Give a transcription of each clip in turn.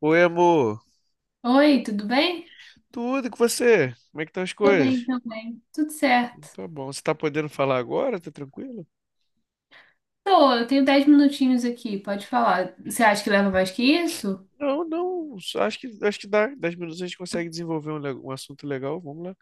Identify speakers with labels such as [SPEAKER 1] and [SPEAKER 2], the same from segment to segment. [SPEAKER 1] Oi, amor.
[SPEAKER 2] Oi, tudo bem?
[SPEAKER 1] Tudo e com você? Como é que estão as
[SPEAKER 2] Tô bem
[SPEAKER 1] coisas?
[SPEAKER 2] também. Tudo certo.
[SPEAKER 1] Tá bom. Você tá podendo falar agora? Tá tranquilo?
[SPEAKER 2] Tô, eu tenho 10 minutinhos aqui, pode falar. Você acha que leva mais que isso?
[SPEAKER 1] Não, não. só Acho que dá. 10 minutos a gente consegue desenvolver um assunto legal. Vamos lá.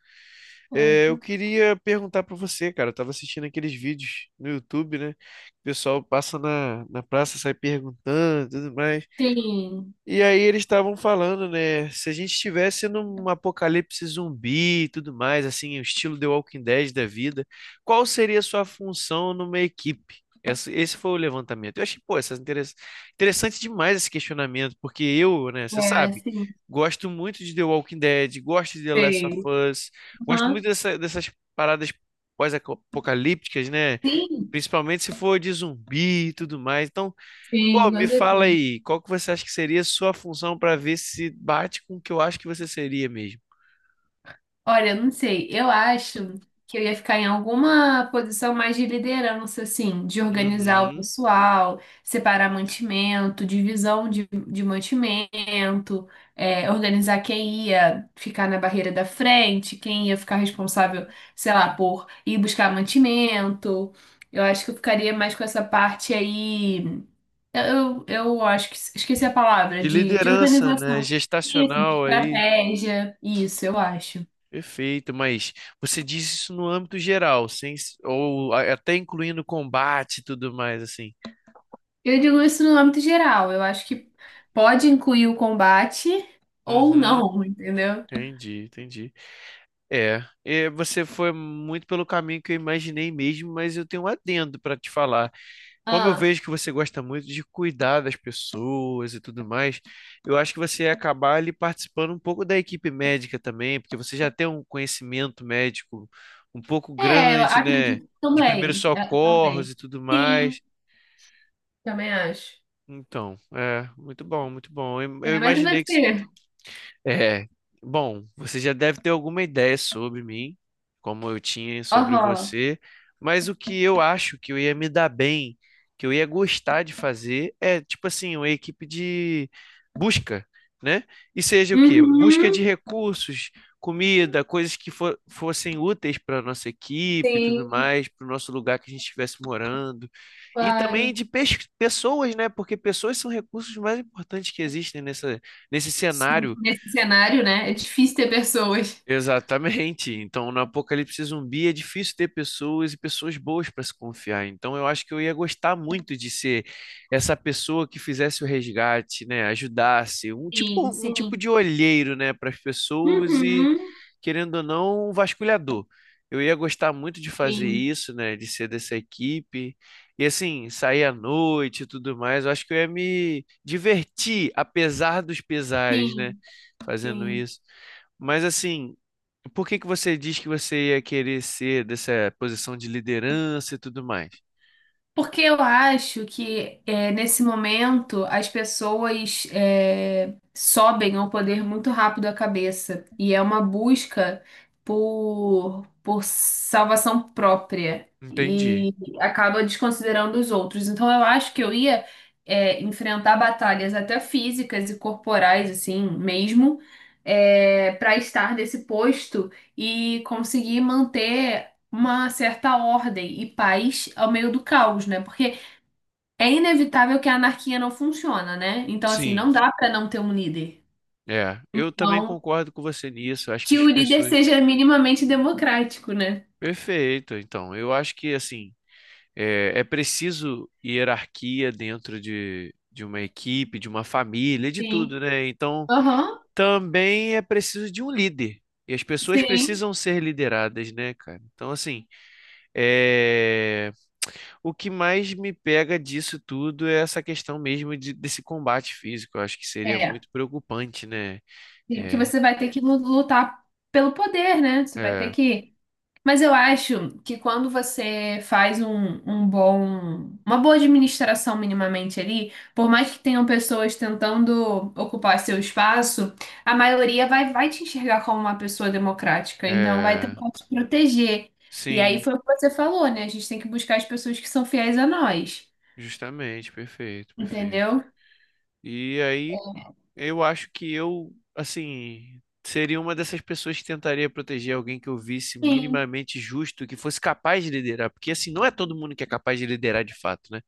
[SPEAKER 2] Ah,
[SPEAKER 1] É, eu
[SPEAKER 2] então-
[SPEAKER 1] queria perguntar pra você, cara. Eu tava assistindo aqueles vídeos no YouTube, né? O pessoal passa na praça, sai perguntando, tudo mais.
[SPEAKER 2] Sim,
[SPEAKER 1] E aí eles estavam falando, né? Se a gente estivesse num apocalipse zumbi e tudo mais, assim, o estilo The Walking Dead da vida, qual seria a sua função numa equipe? Esse foi o levantamento. Eu achei, pô, interessante demais esse questionamento, porque eu, né, você
[SPEAKER 2] é
[SPEAKER 1] sabe,
[SPEAKER 2] assim.
[SPEAKER 1] gosto muito de The Walking Dead, gosto de The Last of
[SPEAKER 2] Sim.
[SPEAKER 1] Us, gosto muito
[SPEAKER 2] Aham.
[SPEAKER 1] dessas paradas pós-apocalípticas, né?
[SPEAKER 2] Sim,
[SPEAKER 1] Principalmente se for de zumbi e tudo mais. Então, pô,
[SPEAKER 2] sim,
[SPEAKER 1] me
[SPEAKER 2] com
[SPEAKER 1] fala
[SPEAKER 2] certeza.
[SPEAKER 1] aí, qual que você acha que seria a sua função para ver se bate com o que eu acho que você seria mesmo?
[SPEAKER 2] Olha, eu não sei. Eu acho que eu ia ficar em alguma posição mais de liderança, assim, de organizar o
[SPEAKER 1] Uhum.
[SPEAKER 2] pessoal, separar mantimento, divisão de mantimento, organizar quem ia ficar na barreira da frente, quem ia ficar responsável, sei lá, por ir buscar mantimento. Eu acho que eu ficaria mais com essa parte aí. Eu acho que esqueci a palavra,
[SPEAKER 1] De
[SPEAKER 2] de
[SPEAKER 1] liderança, né?
[SPEAKER 2] organização. Isso, de
[SPEAKER 1] Gestacional aí.
[SPEAKER 2] estratégia. Isso, eu acho.
[SPEAKER 1] Perfeito, mas você diz isso no âmbito geral, sem, até incluindo combate e tudo mais, assim.
[SPEAKER 2] Eu digo isso no âmbito geral. Eu acho que pode incluir o combate ou
[SPEAKER 1] Uhum,
[SPEAKER 2] não, entendeu?
[SPEAKER 1] entendi, entendi. Você foi muito pelo caminho que eu imaginei mesmo, mas eu tenho um adendo para te falar. Como eu
[SPEAKER 2] Ah,
[SPEAKER 1] vejo que você gosta muito de cuidar das pessoas e tudo mais, eu acho que você ia acabar ali participando um pouco da equipe médica também, porque você já tem um conhecimento médico um pouco
[SPEAKER 2] é, eu
[SPEAKER 1] grande, né?
[SPEAKER 2] acredito
[SPEAKER 1] De primeiros
[SPEAKER 2] também. Eu
[SPEAKER 1] socorros
[SPEAKER 2] também.
[SPEAKER 1] e tudo
[SPEAKER 2] Sim,
[SPEAKER 1] mais.
[SPEAKER 2] também acho.
[SPEAKER 1] Então, é, muito bom, muito bom. Eu
[SPEAKER 2] É,
[SPEAKER 1] eu
[SPEAKER 2] mas e
[SPEAKER 1] imaginei que...
[SPEAKER 2] você?
[SPEAKER 1] É, bom, você já deve ter alguma ideia sobre mim, como eu tinha sobre
[SPEAKER 2] Aham.
[SPEAKER 1] você, mas o que eu acho que eu ia me dar bem, que eu ia gostar de fazer, é tipo assim, uma equipe de busca, né? E seja o quê? Busca de
[SPEAKER 2] Uhum.
[SPEAKER 1] recursos, comida, coisas que fossem úteis para nossa equipe e tudo
[SPEAKER 2] Sim,
[SPEAKER 1] mais, para o nosso lugar que a gente estivesse morando. E também
[SPEAKER 2] claro.
[SPEAKER 1] de pessoas, né? Porque pessoas são recursos mais importantes que existem nesse
[SPEAKER 2] Sim.
[SPEAKER 1] cenário.
[SPEAKER 2] Nesse cenário, né? É difícil ter pessoas.
[SPEAKER 1] Exatamente. Então, no apocalipse zumbi é difícil ter pessoas e pessoas boas para se confiar. Então, eu acho que eu ia gostar muito de ser essa pessoa que fizesse o resgate, né? Ajudasse,
[SPEAKER 2] Sim,
[SPEAKER 1] um tipo
[SPEAKER 2] sim.
[SPEAKER 1] de olheiro, né, para as pessoas e,
[SPEAKER 2] Uhum.
[SPEAKER 1] querendo ou não, um vasculhador. Eu ia gostar muito de fazer
[SPEAKER 2] Sim,
[SPEAKER 1] isso, né? De ser dessa equipe. E assim, sair à noite e tudo mais. Eu acho que eu ia me divertir, apesar dos pesares, né?
[SPEAKER 2] sim,
[SPEAKER 1] Fazendo
[SPEAKER 2] sim.
[SPEAKER 1] isso. Mas assim, por que que você diz que você ia querer ser dessa posição de liderança e tudo mais?
[SPEAKER 2] Porque eu acho que nesse momento as pessoas sobem ao poder muito rápido a cabeça e é uma busca por salvação própria
[SPEAKER 1] Entendi.
[SPEAKER 2] e acaba desconsiderando os outros. Então eu acho que eu ia enfrentar batalhas até físicas e corporais assim mesmo, para estar nesse posto e conseguir manter uma certa ordem e paz ao meio do caos, né? Porque é inevitável que a anarquia não funciona, né? Então, assim,
[SPEAKER 1] Sim,
[SPEAKER 2] não dá para não ter um líder.
[SPEAKER 1] é. Eu também
[SPEAKER 2] Então,
[SPEAKER 1] concordo com você nisso. Acho que
[SPEAKER 2] que
[SPEAKER 1] as
[SPEAKER 2] o líder
[SPEAKER 1] pessoas.
[SPEAKER 2] seja minimamente democrático, né?
[SPEAKER 1] Perfeito. Então, eu acho que assim é preciso hierarquia dentro de uma equipe, de uma família, de
[SPEAKER 2] Sim.
[SPEAKER 1] tudo, né? Então,
[SPEAKER 2] Aham,
[SPEAKER 1] também é preciso de um líder. E as pessoas
[SPEAKER 2] sim.
[SPEAKER 1] precisam ser lideradas, né, cara? Então, assim, é... O que mais me pega disso tudo é essa questão mesmo desse combate físico. Eu acho que seria
[SPEAKER 2] É.
[SPEAKER 1] muito preocupante, né?
[SPEAKER 2] Sim, porque
[SPEAKER 1] É,
[SPEAKER 2] você vai ter que lutar pelo poder, né? Você vai ter
[SPEAKER 1] é,
[SPEAKER 2] que... Mas eu acho que quando você faz uma boa administração minimamente ali, por mais que tenham pessoas tentando ocupar seu espaço, a maioria vai te enxergar como uma pessoa democrática, então vai
[SPEAKER 1] é.
[SPEAKER 2] tentar te proteger. E aí
[SPEAKER 1] Sim,
[SPEAKER 2] foi o que você falou, né? A gente tem que buscar as pessoas que são fiéis a nós,
[SPEAKER 1] justamente, perfeito, perfeito.
[SPEAKER 2] entendeu?
[SPEAKER 1] E aí,
[SPEAKER 2] É.
[SPEAKER 1] eu acho que eu, assim, seria uma dessas pessoas que tentaria proteger alguém que eu visse
[SPEAKER 2] Sim,
[SPEAKER 1] minimamente justo, que fosse capaz de liderar. Porque, assim, não é todo mundo que é capaz de liderar de fato, né?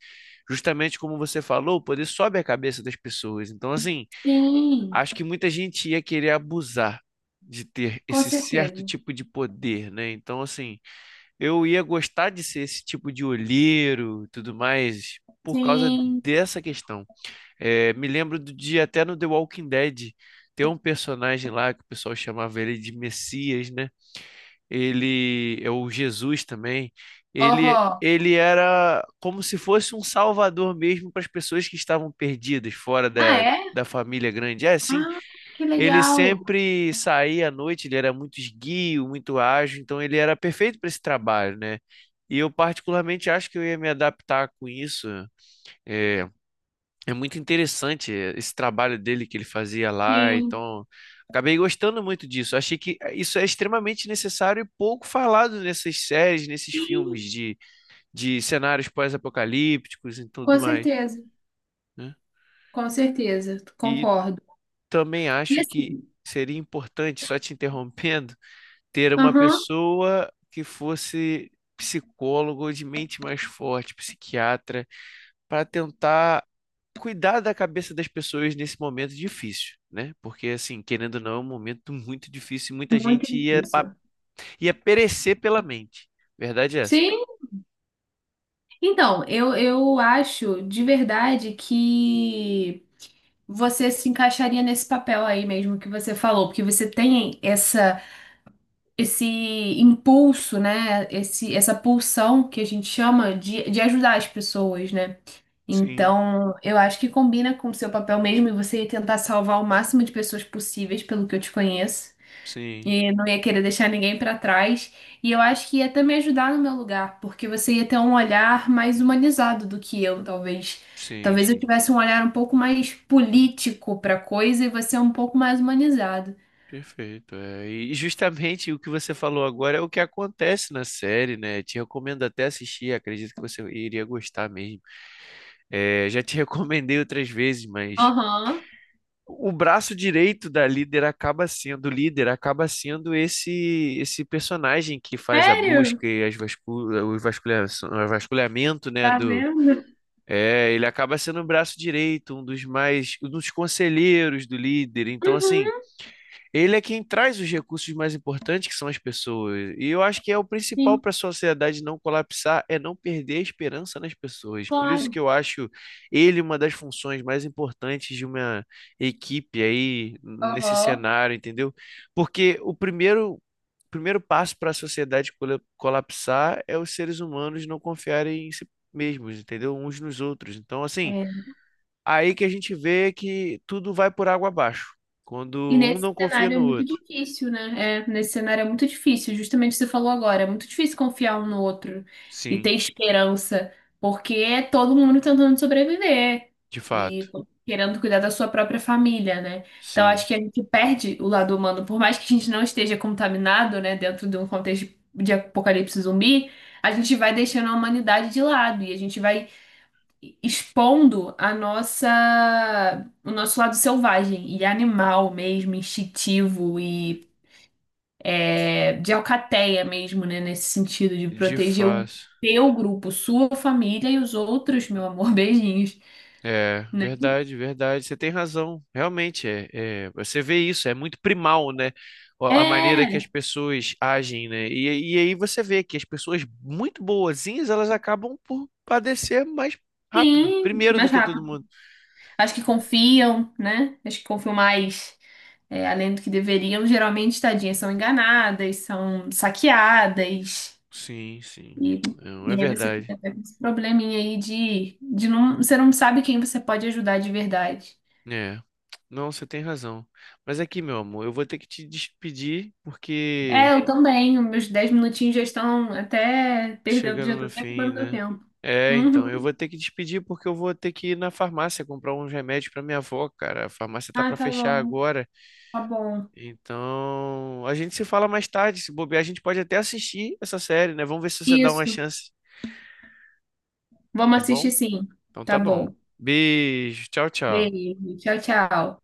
[SPEAKER 1] Justamente como você falou, o poder sobe a cabeça das pessoas. Então, assim.
[SPEAKER 2] sim,
[SPEAKER 1] Acho que muita gente ia querer abusar de ter
[SPEAKER 2] com
[SPEAKER 1] esse certo
[SPEAKER 2] certeza.
[SPEAKER 1] tipo de poder, né? Então, assim, eu ia gostar de ser esse tipo de olheiro, e tudo mais, por causa
[SPEAKER 2] Sim.
[SPEAKER 1] dessa questão. É, me lembro do dia até no The Walking Dead, tem um personagem lá que o pessoal chamava ele de Messias, né? Ele é o Jesus também. Ele
[SPEAKER 2] Aham.
[SPEAKER 1] ele era como se fosse um salvador mesmo para as pessoas que estavam perdidas fora
[SPEAKER 2] Ah, é?
[SPEAKER 1] da família grande. É assim
[SPEAKER 2] Ah, que
[SPEAKER 1] ele
[SPEAKER 2] legal.
[SPEAKER 1] sempre saía à noite, ele era muito esguio, muito ágil, então ele era perfeito para esse trabalho, né? E eu particularmente acho que eu ia me adaptar com isso. É, é muito interessante esse trabalho dele que ele fazia lá,
[SPEAKER 2] Sim.
[SPEAKER 1] então acabei gostando muito disso. Achei que isso é extremamente necessário e pouco falado nessas séries, nesses filmes
[SPEAKER 2] Sim.
[SPEAKER 1] de cenários pós-apocalípticos e tudo
[SPEAKER 2] Com
[SPEAKER 1] mais,
[SPEAKER 2] certeza,
[SPEAKER 1] né?
[SPEAKER 2] com certeza,
[SPEAKER 1] E
[SPEAKER 2] concordo.
[SPEAKER 1] também
[SPEAKER 2] E
[SPEAKER 1] acho que
[SPEAKER 2] assim,
[SPEAKER 1] seria importante, só te interrompendo, ter uma
[SPEAKER 2] aham,
[SPEAKER 1] pessoa que fosse psicólogo de mente mais forte, psiquiatra, para tentar cuidar da cabeça das pessoas nesse momento difícil, né? Porque, assim, querendo ou não, é um momento muito difícil e muita
[SPEAKER 2] muito
[SPEAKER 1] gente ia,
[SPEAKER 2] difícil.
[SPEAKER 1] ia perecer pela mente. Verdade é essa?
[SPEAKER 2] Sim, então, eu acho de verdade que você se encaixaria nesse papel aí mesmo que você falou, porque você tem essa, esse impulso, né? Esse, essa pulsão que a gente chama de ajudar as pessoas, né?
[SPEAKER 1] Sim,
[SPEAKER 2] Então, eu acho que combina com o seu papel mesmo e você ia tentar salvar o máximo de pessoas possíveis, pelo que eu te conheço.
[SPEAKER 1] sim,
[SPEAKER 2] E não ia querer deixar ninguém pra trás. E eu acho que ia até me ajudar no meu lugar, porque você ia ter um olhar mais humanizado do que eu, talvez.
[SPEAKER 1] sim,
[SPEAKER 2] Talvez eu
[SPEAKER 1] sim.
[SPEAKER 2] tivesse um olhar um pouco mais político pra coisa e você um pouco mais humanizado.
[SPEAKER 1] Perfeito. É. E justamente o que você falou agora é o que acontece na série, né? Te recomendo até assistir, acredito que você iria gostar mesmo. É, já te recomendei outras vezes, mas
[SPEAKER 2] Aham.
[SPEAKER 1] o braço direito da líder acaba sendo, o líder acaba sendo esse personagem que faz a
[SPEAKER 2] Sério?
[SPEAKER 1] busca e as vascul o vasculha- o vasculhamento, né,
[SPEAKER 2] Tá
[SPEAKER 1] do...
[SPEAKER 2] vendo?
[SPEAKER 1] É, ele acaba sendo o braço direito, um dos conselheiros do líder. Então, assim,
[SPEAKER 2] Uhum,
[SPEAKER 1] ele é quem traz os recursos mais importantes, que são as pessoas. E eu acho que é o principal
[SPEAKER 2] sim,
[SPEAKER 1] para a sociedade não colapsar, é não perder a esperança nas pessoas. Por isso
[SPEAKER 2] claro.
[SPEAKER 1] que eu acho ele uma das funções mais importantes de uma equipe aí nesse
[SPEAKER 2] Aham.
[SPEAKER 1] cenário, entendeu? Porque o primeiro passo para a sociedade colapsar é os seres humanos não confiarem em si mesmos, entendeu? Uns nos outros. Então, assim,
[SPEAKER 2] É.
[SPEAKER 1] aí que a gente vê que tudo vai por água abaixo. Quando
[SPEAKER 2] E
[SPEAKER 1] um
[SPEAKER 2] nesse
[SPEAKER 1] não confia
[SPEAKER 2] cenário é
[SPEAKER 1] no
[SPEAKER 2] muito
[SPEAKER 1] outro.
[SPEAKER 2] difícil, né? É, nesse cenário é muito difícil, justamente o que você falou agora, é muito difícil confiar um no outro e
[SPEAKER 1] Sim,
[SPEAKER 2] ter esperança, porque é todo mundo tentando sobreviver
[SPEAKER 1] de fato.
[SPEAKER 2] e querendo cuidar da sua própria família, né? Então
[SPEAKER 1] Sim,
[SPEAKER 2] acho que a gente perde o lado humano, por mais que a gente não esteja contaminado, né, dentro de um contexto de apocalipse zumbi, a gente vai deixando a humanidade de lado e a gente vai expondo a nossa, o nosso lado selvagem e animal mesmo, instintivo e, de alcateia mesmo, né? Nesse sentido de
[SPEAKER 1] de
[SPEAKER 2] proteger o
[SPEAKER 1] fato.
[SPEAKER 2] teu grupo, sua família e os outros, meu amor, beijinhos,
[SPEAKER 1] É,
[SPEAKER 2] né?
[SPEAKER 1] verdade, verdade. Você tem razão. Realmente, você vê isso, é muito primal, né? A maneira que as
[SPEAKER 2] É,
[SPEAKER 1] pessoas agem, né? E aí você vê que as pessoas muito boazinhas, elas acabam por padecer mais rápido,
[SPEAKER 2] sim,
[SPEAKER 1] primeiro do
[SPEAKER 2] mais
[SPEAKER 1] que todo
[SPEAKER 2] rápido.
[SPEAKER 1] mundo.
[SPEAKER 2] Acho que confiam, né? Acho que confiam mais. É, além do que deveriam, geralmente, tadinhas, são enganadas, são saqueadas.
[SPEAKER 1] Sim, sim.
[SPEAKER 2] E,
[SPEAKER 1] Não, é
[SPEAKER 2] e aí você
[SPEAKER 1] verdade.
[SPEAKER 2] fica até com esse probleminha aí de você não sabe quem você pode ajudar de verdade.
[SPEAKER 1] É. Não, você tem razão. Mas aqui, meu amor, eu vou ter que te despedir porque...
[SPEAKER 2] É, eu também, os meus 10 minutinhos já estão até perdendo, já
[SPEAKER 1] Chegando
[SPEAKER 2] estou
[SPEAKER 1] no
[SPEAKER 2] até
[SPEAKER 1] fim,
[SPEAKER 2] acabando meu
[SPEAKER 1] né?
[SPEAKER 2] tempo.
[SPEAKER 1] É, então, eu
[SPEAKER 2] Uhum.
[SPEAKER 1] vou ter que despedir porque eu vou ter que ir na farmácia comprar uns remédios pra minha avó, cara. A farmácia tá
[SPEAKER 2] Ah,
[SPEAKER 1] pra
[SPEAKER 2] tá
[SPEAKER 1] fechar
[SPEAKER 2] bom,
[SPEAKER 1] agora.
[SPEAKER 2] tá bom.
[SPEAKER 1] Então, a gente se fala mais tarde. Se bobear, a gente pode até assistir essa série, né? Vamos ver se você dá uma
[SPEAKER 2] Isso,
[SPEAKER 1] chance, tá
[SPEAKER 2] vamos
[SPEAKER 1] bom?
[SPEAKER 2] assistir sim.
[SPEAKER 1] Então
[SPEAKER 2] Tá
[SPEAKER 1] tá bom.
[SPEAKER 2] bom.
[SPEAKER 1] Beijo, tchau, tchau.
[SPEAKER 2] Beijo, tchau, tchau.